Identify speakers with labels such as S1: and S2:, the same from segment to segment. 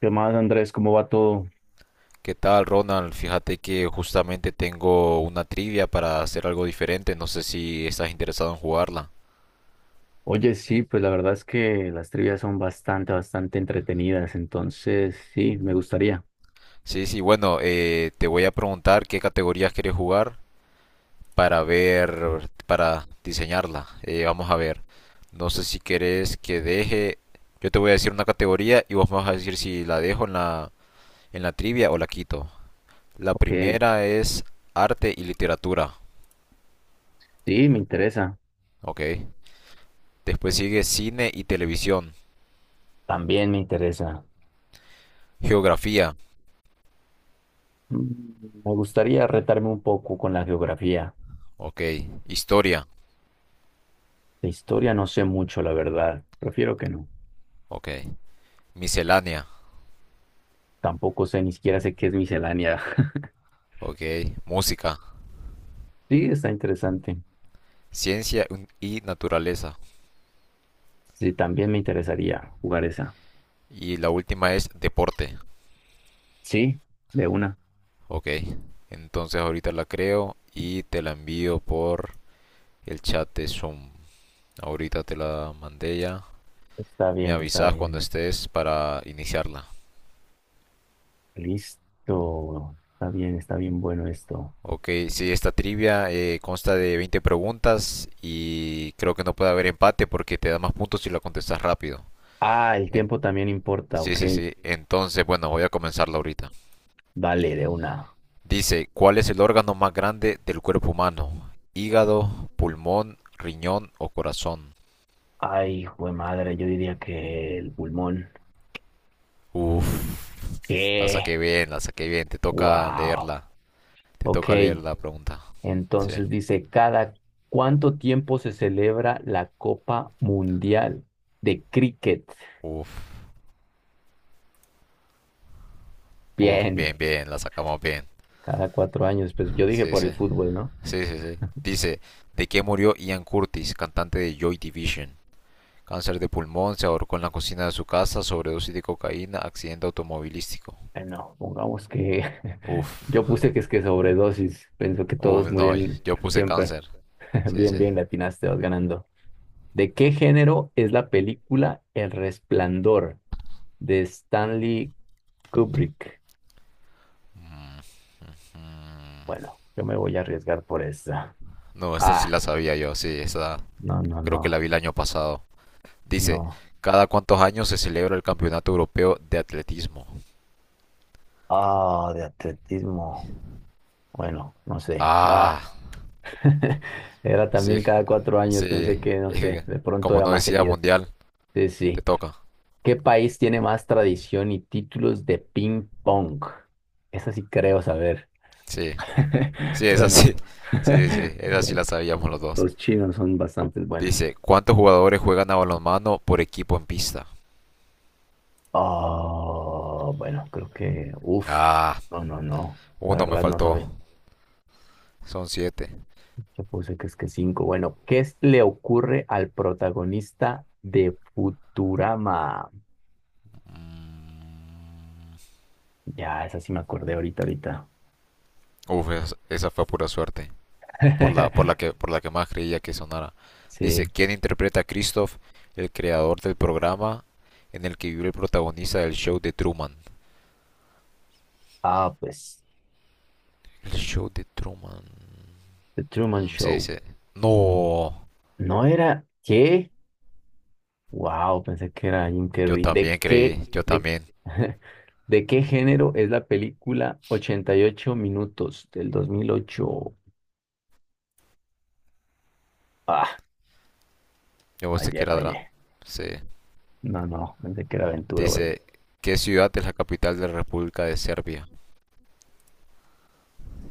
S1: ¿Qué más, Andrés? ¿Cómo va todo?
S2: ¿Qué tal, Ronald? Fíjate que justamente tengo una trivia para hacer algo diferente. No sé si estás interesado en jugarla.
S1: Oye, sí, pues la verdad es que las trivias son bastante, bastante entretenidas, entonces sí, me gustaría.
S2: Sí, sí, bueno, te voy a preguntar qué categorías quieres jugar para ver, para diseñarla. Vamos a ver. No sé si querés que deje. Yo te voy a decir una categoría y vos me vas a decir si la dejo en la trivia o la quito. La
S1: Ok,
S2: primera es arte y literatura,
S1: sí, me interesa.
S2: ¿ok? Después sigue cine y televisión,
S1: También me interesa.
S2: geografía.
S1: Me gustaría retarme un poco con la geografía.
S2: Ok. Historia.
S1: De historia no sé mucho, la verdad. Prefiero que no.
S2: Ok. Miscelánea.
S1: Tampoco sé, ni siquiera sé qué es miscelánea.
S2: Ok. Música.
S1: Sí, está interesante.
S2: Ciencia y naturaleza.
S1: Sí, también me interesaría jugar esa.
S2: Y la última es deporte.
S1: Sí, de una.
S2: Ok. Entonces ahorita la creo y te la envío por el chat de Zoom. Ahorita te la mandé ya.
S1: Está
S2: Me
S1: bien, está
S2: avisas cuando
S1: bien.
S2: estés para iniciarla.
S1: Listo. Está bien bueno esto.
S2: Ok, sí, esta trivia consta de 20 preguntas y creo que no puede haber empate porque te da más puntos si la contestas rápido.
S1: Ah, el
S2: En-
S1: tiempo también importa,
S2: Sí,
S1: ok.
S2: sí, sí. Entonces, bueno, voy a comenzarlo ahorita.
S1: Vale, de una.
S2: Dice, ¿cuál es el órgano más grande del cuerpo humano? ¿Hígado, pulmón, riñón o corazón?
S1: Ay, jue madre, yo diría que el pulmón.
S2: Uf, la saqué
S1: ¿Qué?
S2: bien, la saqué bien. Te toca
S1: Wow.
S2: leerla. Te
S1: Ok.
S2: toca leer la pregunta. Sí.
S1: Entonces dice, ¿cada cuánto tiempo se celebra la Copa Mundial de Cricket?
S2: Uf, uf,
S1: Bien,
S2: bien, bien, la sacamos bien.
S1: cada 4 años. Pues yo dije
S2: Sí,
S1: por
S2: sí,
S1: el fútbol, ¿no?
S2: sí, sí, sí. Dice, ¿de qué murió Ian Curtis, cantante de Joy Division? Cáncer de pulmón, se ahorcó en la cocina de su casa, sobredosis de cocaína, accidente automovilístico.
S1: No, pongamos que
S2: Uf,
S1: yo puse que es que sobredosis. Pensó que todos
S2: uf, no,
S1: murieron
S2: yo puse
S1: siempre.
S2: cáncer. Sí,
S1: Bien,
S2: sí.
S1: bien, le atinaste, vas ganando. ¿De qué género es la película El Resplandor de Stanley Kubrick? Bueno, yo me voy a arriesgar por esa.
S2: No, esta sí
S1: Ah,
S2: la sabía yo, sí, esta
S1: no, no,
S2: creo que la
S1: no,
S2: vi el año pasado. Dice,
S1: no.
S2: ¿cada cuántos años se celebra el Campeonato Europeo de Atletismo?
S1: Ah, de atletismo. Bueno, no sé. Ah,
S2: Ah,
S1: era
S2: sí,
S1: también cada cuatro
S2: sí,
S1: años. Pensé que, no
S2: es
S1: sé,
S2: que
S1: de pronto
S2: como
S1: era
S2: no
S1: más
S2: decía
S1: seguido.
S2: mundial,
S1: Sí,
S2: te
S1: sí.
S2: toca.
S1: ¿Qué país tiene más tradición y títulos de ping pong? Esa sí creo saber.
S2: Sí, sí, esa sí,
S1: Bueno,
S2: sí, sí, esa sí la
S1: los,
S2: sabíamos los dos.
S1: los chinos son bastante buenos.
S2: Dice, ¿cuántos jugadores juegan a balonmano por equipo en pista?
S1: Oh, bueno, creo que,
S2: Ah,
S1: no, no, no, la
S2: uno me
S1: verdad no
S2: faltó,
S1: sabía.
S2: son siete.
S1: Yo puse que es que cinco. Bueno, ¿Le ocurre al protagonista de Futurama?
S2: Mm,
S1: Ya, esa sí me acordé ahorita, ahorita.
S2: uf, esa fue pura suerte, por por la que más creía que sonara. Dice,
S1: Sí.
S2: ¿quién interpreta a Christoph, el creador del programa en el que vive el protagonista del show de Truman?
S1: Ah, pues,
S2: El show de Truman.
S1: The Truman
S2: Mm, sí,
S1: Show.
S2: sí. No,
S1: No era, ¿qué? Wow, pensé que era Jim
S2: yo
S1: Carrey.
S2: también creí, yo
S1: De,
S2: también.
S1: ¿De qué género es la película 88 minutos del 2008? Ah,
S2: Yo pensé que
S1: fallé,
S2: era dra-.
S1: fallé.
S2: Sí.
S1: No, no, pensé que era aventura, güey.
S2: Dice, ¿qué ciudad es la capital de la República de Serbia?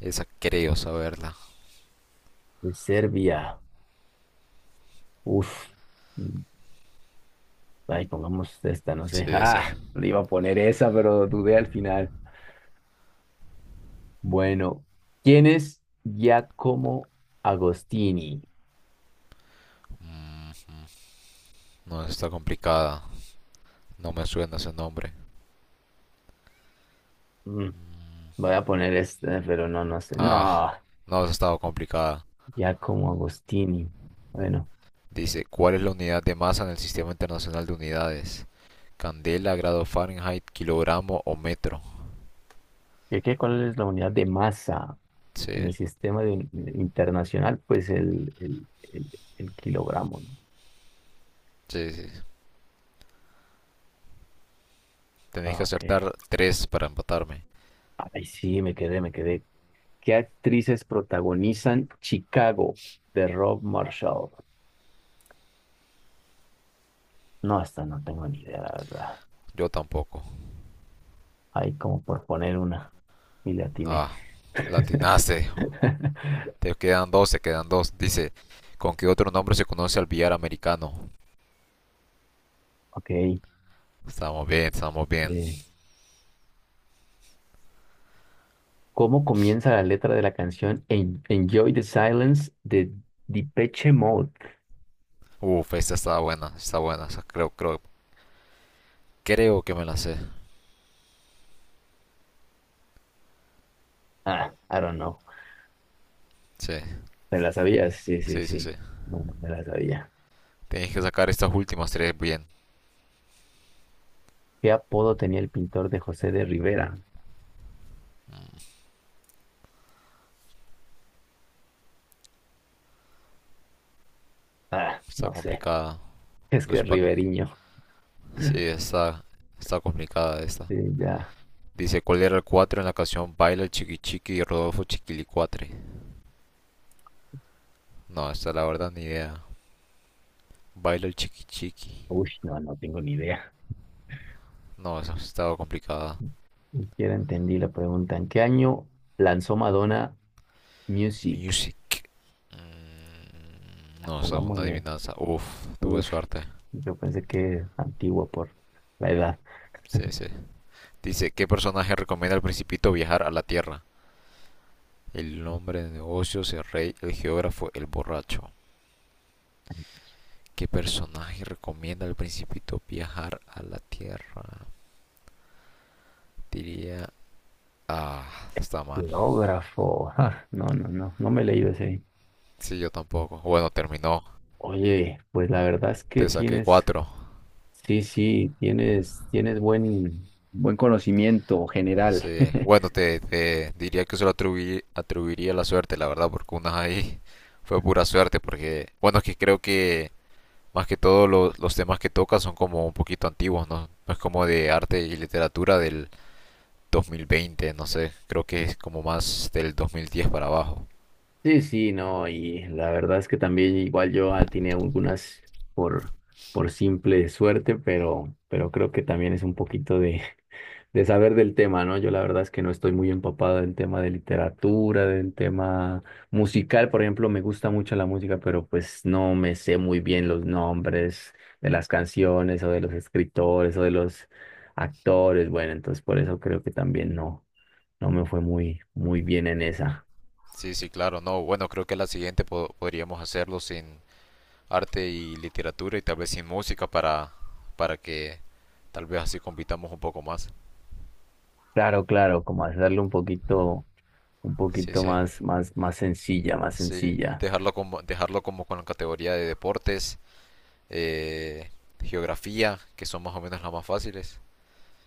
S2: Esa creo saberla.
S1: De Serbia. Uf. Mm, Ay, pongamos esta, no sé.
S2: Sí, sí.
S1: Ah, le iba a poner esa, pero dudé al final. Bueno, ¿quién es Giacomo Agostini?
S2: Mm, no, está complicada. No me suena ese nombre.
S1: Mm, voy a poner esta, pero no, no sé.
S2: Ah,
S1: No,
S2: no, eso ha estado complicada.
S1: Giacomo Agostini. Bueno.
S2: Dice, ¿cuál es la unidad de masa en el Sistema Internacional de Unidades? Candela, grado Fahrenheit, kilogramo o metro.
S1: ¿Y qué? ¿Cuál es la unidad de masa en
S2: Sí,
S1: el sistema internacional? Pues el kilogramo, ¿no?
S2: sí, sí. Tenéis
S1: Ah,
S2: que
S1: ok.
S2: acertar tres para empatarme.
S1: Ay, sí, me quedé, me quedé. ¿Qué actrices protagonizan Chicago de Rob Marshall? No, hasta no tengo ni idea, la verdad.
S2: Yo tampoco.
S1: Ahí como por poner una y le atiné.
S2: Ah, la latinaste. Te quedan dos, te quedan dos. Dice, ¿con qué otro nombre se conoce al billar americano?
S1: Ok.
S2: Estamos bien, estamos bien.
S1: eh, ¿cómo comienza la letra de la canción Enjoy the Silence de Depeche Mode?
S2: Uf, esta está buena, está buena. Creo, creo, creo que me la sé.
S1: Ah, I don't know.
S2: Sí,
S1: ¿Te la sabías? Sí, sí,
S2: sí, sí, sí.
S1: sí. No, no me la sabía.
S2: Tenéis que sacar estas últimas tres bien.
S1: ¿Qué apodo tenía el pintor de José de Rivera? Ah,
S2: Está
S1: no sé.
S2: complicada.
S1: Es que
S2: Los
S1: es
S2: pack.
S1: Riveriño.
S2: Sí, está, está complicada esta.
S1: Sí, ya.
S2: Dice, ¿cuál era el 4 en la canción Baila el Chiqui Chiqui y Rodolfo Chiquilicuatre? No, esta la verdad ni idea. Baila el Chiqui Chiqui.
S1: Uy, no, no tengo ni idea.
S2: No, esa estaba complicada.
S1: Ni siquiera entendí la pregunta. ¿En qué año lanzó Madonna Music?
S2: Music. Mm, no, esa es una
S1: Pongámosle.
S2: adivinanza. Uf, tuve
S1: Uf,
S2: suerte.
S1: yo pensé que es antiguo por la edad.
S2: Sí, sí. Dice, ¿qué personaje recomienda al principito viajar a la Tierra? El hombre de negocios, el rey, el geógrafo, el borracho. ¿Qué personaje recomienda al principito viajar a la Tierra? Diría... Ah, está mal.
S1: Geógrafo. Ah, no, no, no. No me he leído ese.
S2: Sí, yo tampoco. Bueno, terminó.
S1: Oye, pues la verdad es que
S2: Te saqué
S1: tienes.
S2: cuatro.
S1: Sí, sí, tienes buen, buen conocimiento general.
S2: Sí. Bueno, te diría que se lo atribuiría la suerte, la verdad, porque unas ahí fue pura suerte, porque... Bueno, es que creo que más que todo los temas que toca son como un poquito antiguos, ¿no? No es como de arte y literatura del 2020, no sé. Creo que es como más del 2010 para abajo.
S1: Sí, sí, no, y la verdad es que también igual yo atiné algunas por, por simple suerte, pero creo que también es un poquito de saber del tema, ¿no? Yo la verdad es que no estoy muy empapado del tema de literatura, del tema musical, por ejemplo, me gusta mucho la música, pero pues no me sé muy bien los nombres de las canciones o de los escritores o de los actores, bueno, entonces por eso creo que también no, no me fue muy, muy bien en esa.
S2: Sí, sí, claro. No, bueno, creo que la siguiente podríamos hacerlo sin arte y literatura y tal vez sin música para que tal vez así compitamos un poco más.
S1: Claro, claro, como hacerlo un
S2: Sí,
S1: poquito
S2: sí.
S1: más sencilla, más
S2: Sí,
S1: sencilla.
S2: dejarlo como con la categoría de deportes, eh, geografía, que son más o menos las más fáciles.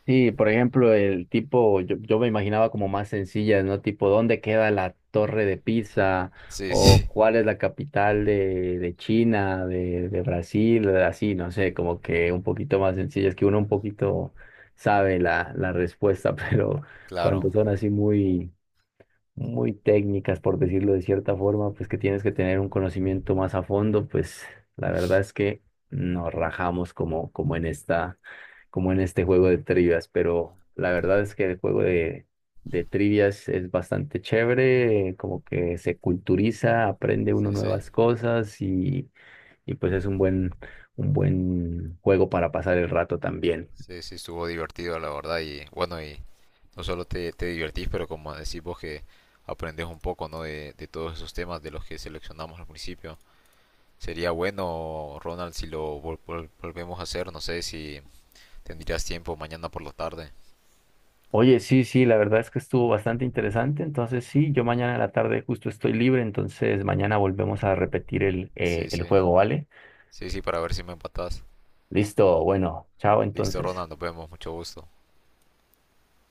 S1: Sí, por ejemplo, el tipo, yo me imaginaba como más sencilla, ¿no? Tipo, ¿dónde queda la Torre de Pisa?
S2: Sí,
S1: O
S2: sí,
S1: cuál es la capital de China, de Brasil, así, no sé, como que un poquito más sencilla. Es que uno un poquito sabe la respuesta, pero
S2: claro.
S1: cuando son así muy, muy técnicas, por decirlo de cierta forma, pues que tienes que tener un conocimiento más a fondo, pues la verdad es que nos rajamos como en esta, como en este juego de trivias, pero la verdad es que el juego de trivias es bastante chévere, como que se culturiza, aprende uno
S2: Sí, sí.
S1: nuevas cosas y pues es un buen juego para pasar el rato también.
S2: Sí, sí, estuvo divertido, la verdad. Y bueno, y no solo te divertís, pero como decís vos que aprendes un poco, ¿no? De todos esos temas de los que seleccionamos al principio. Sería bueno, Ronald, si lo volvemos a hacer. No sé si tendrías tiempo mañana por la tarde.
S1: Oye, sí, sí, la verdad es que estuvo bastante interesante. Entonces, sí, yo mañana en la tarde justo estoy libre, entonces mañana volvemos a repetir el, eh,
S2: Sí,
S1: el
S2: sí.
S1: juego, ¿vale?
S2: Sí, sí, para ver si me empatás.
S1: Listo, bueno, chao
S2: Listo,
S1: entonces.
S2: Ronald, nos vemos. Mucho gusto.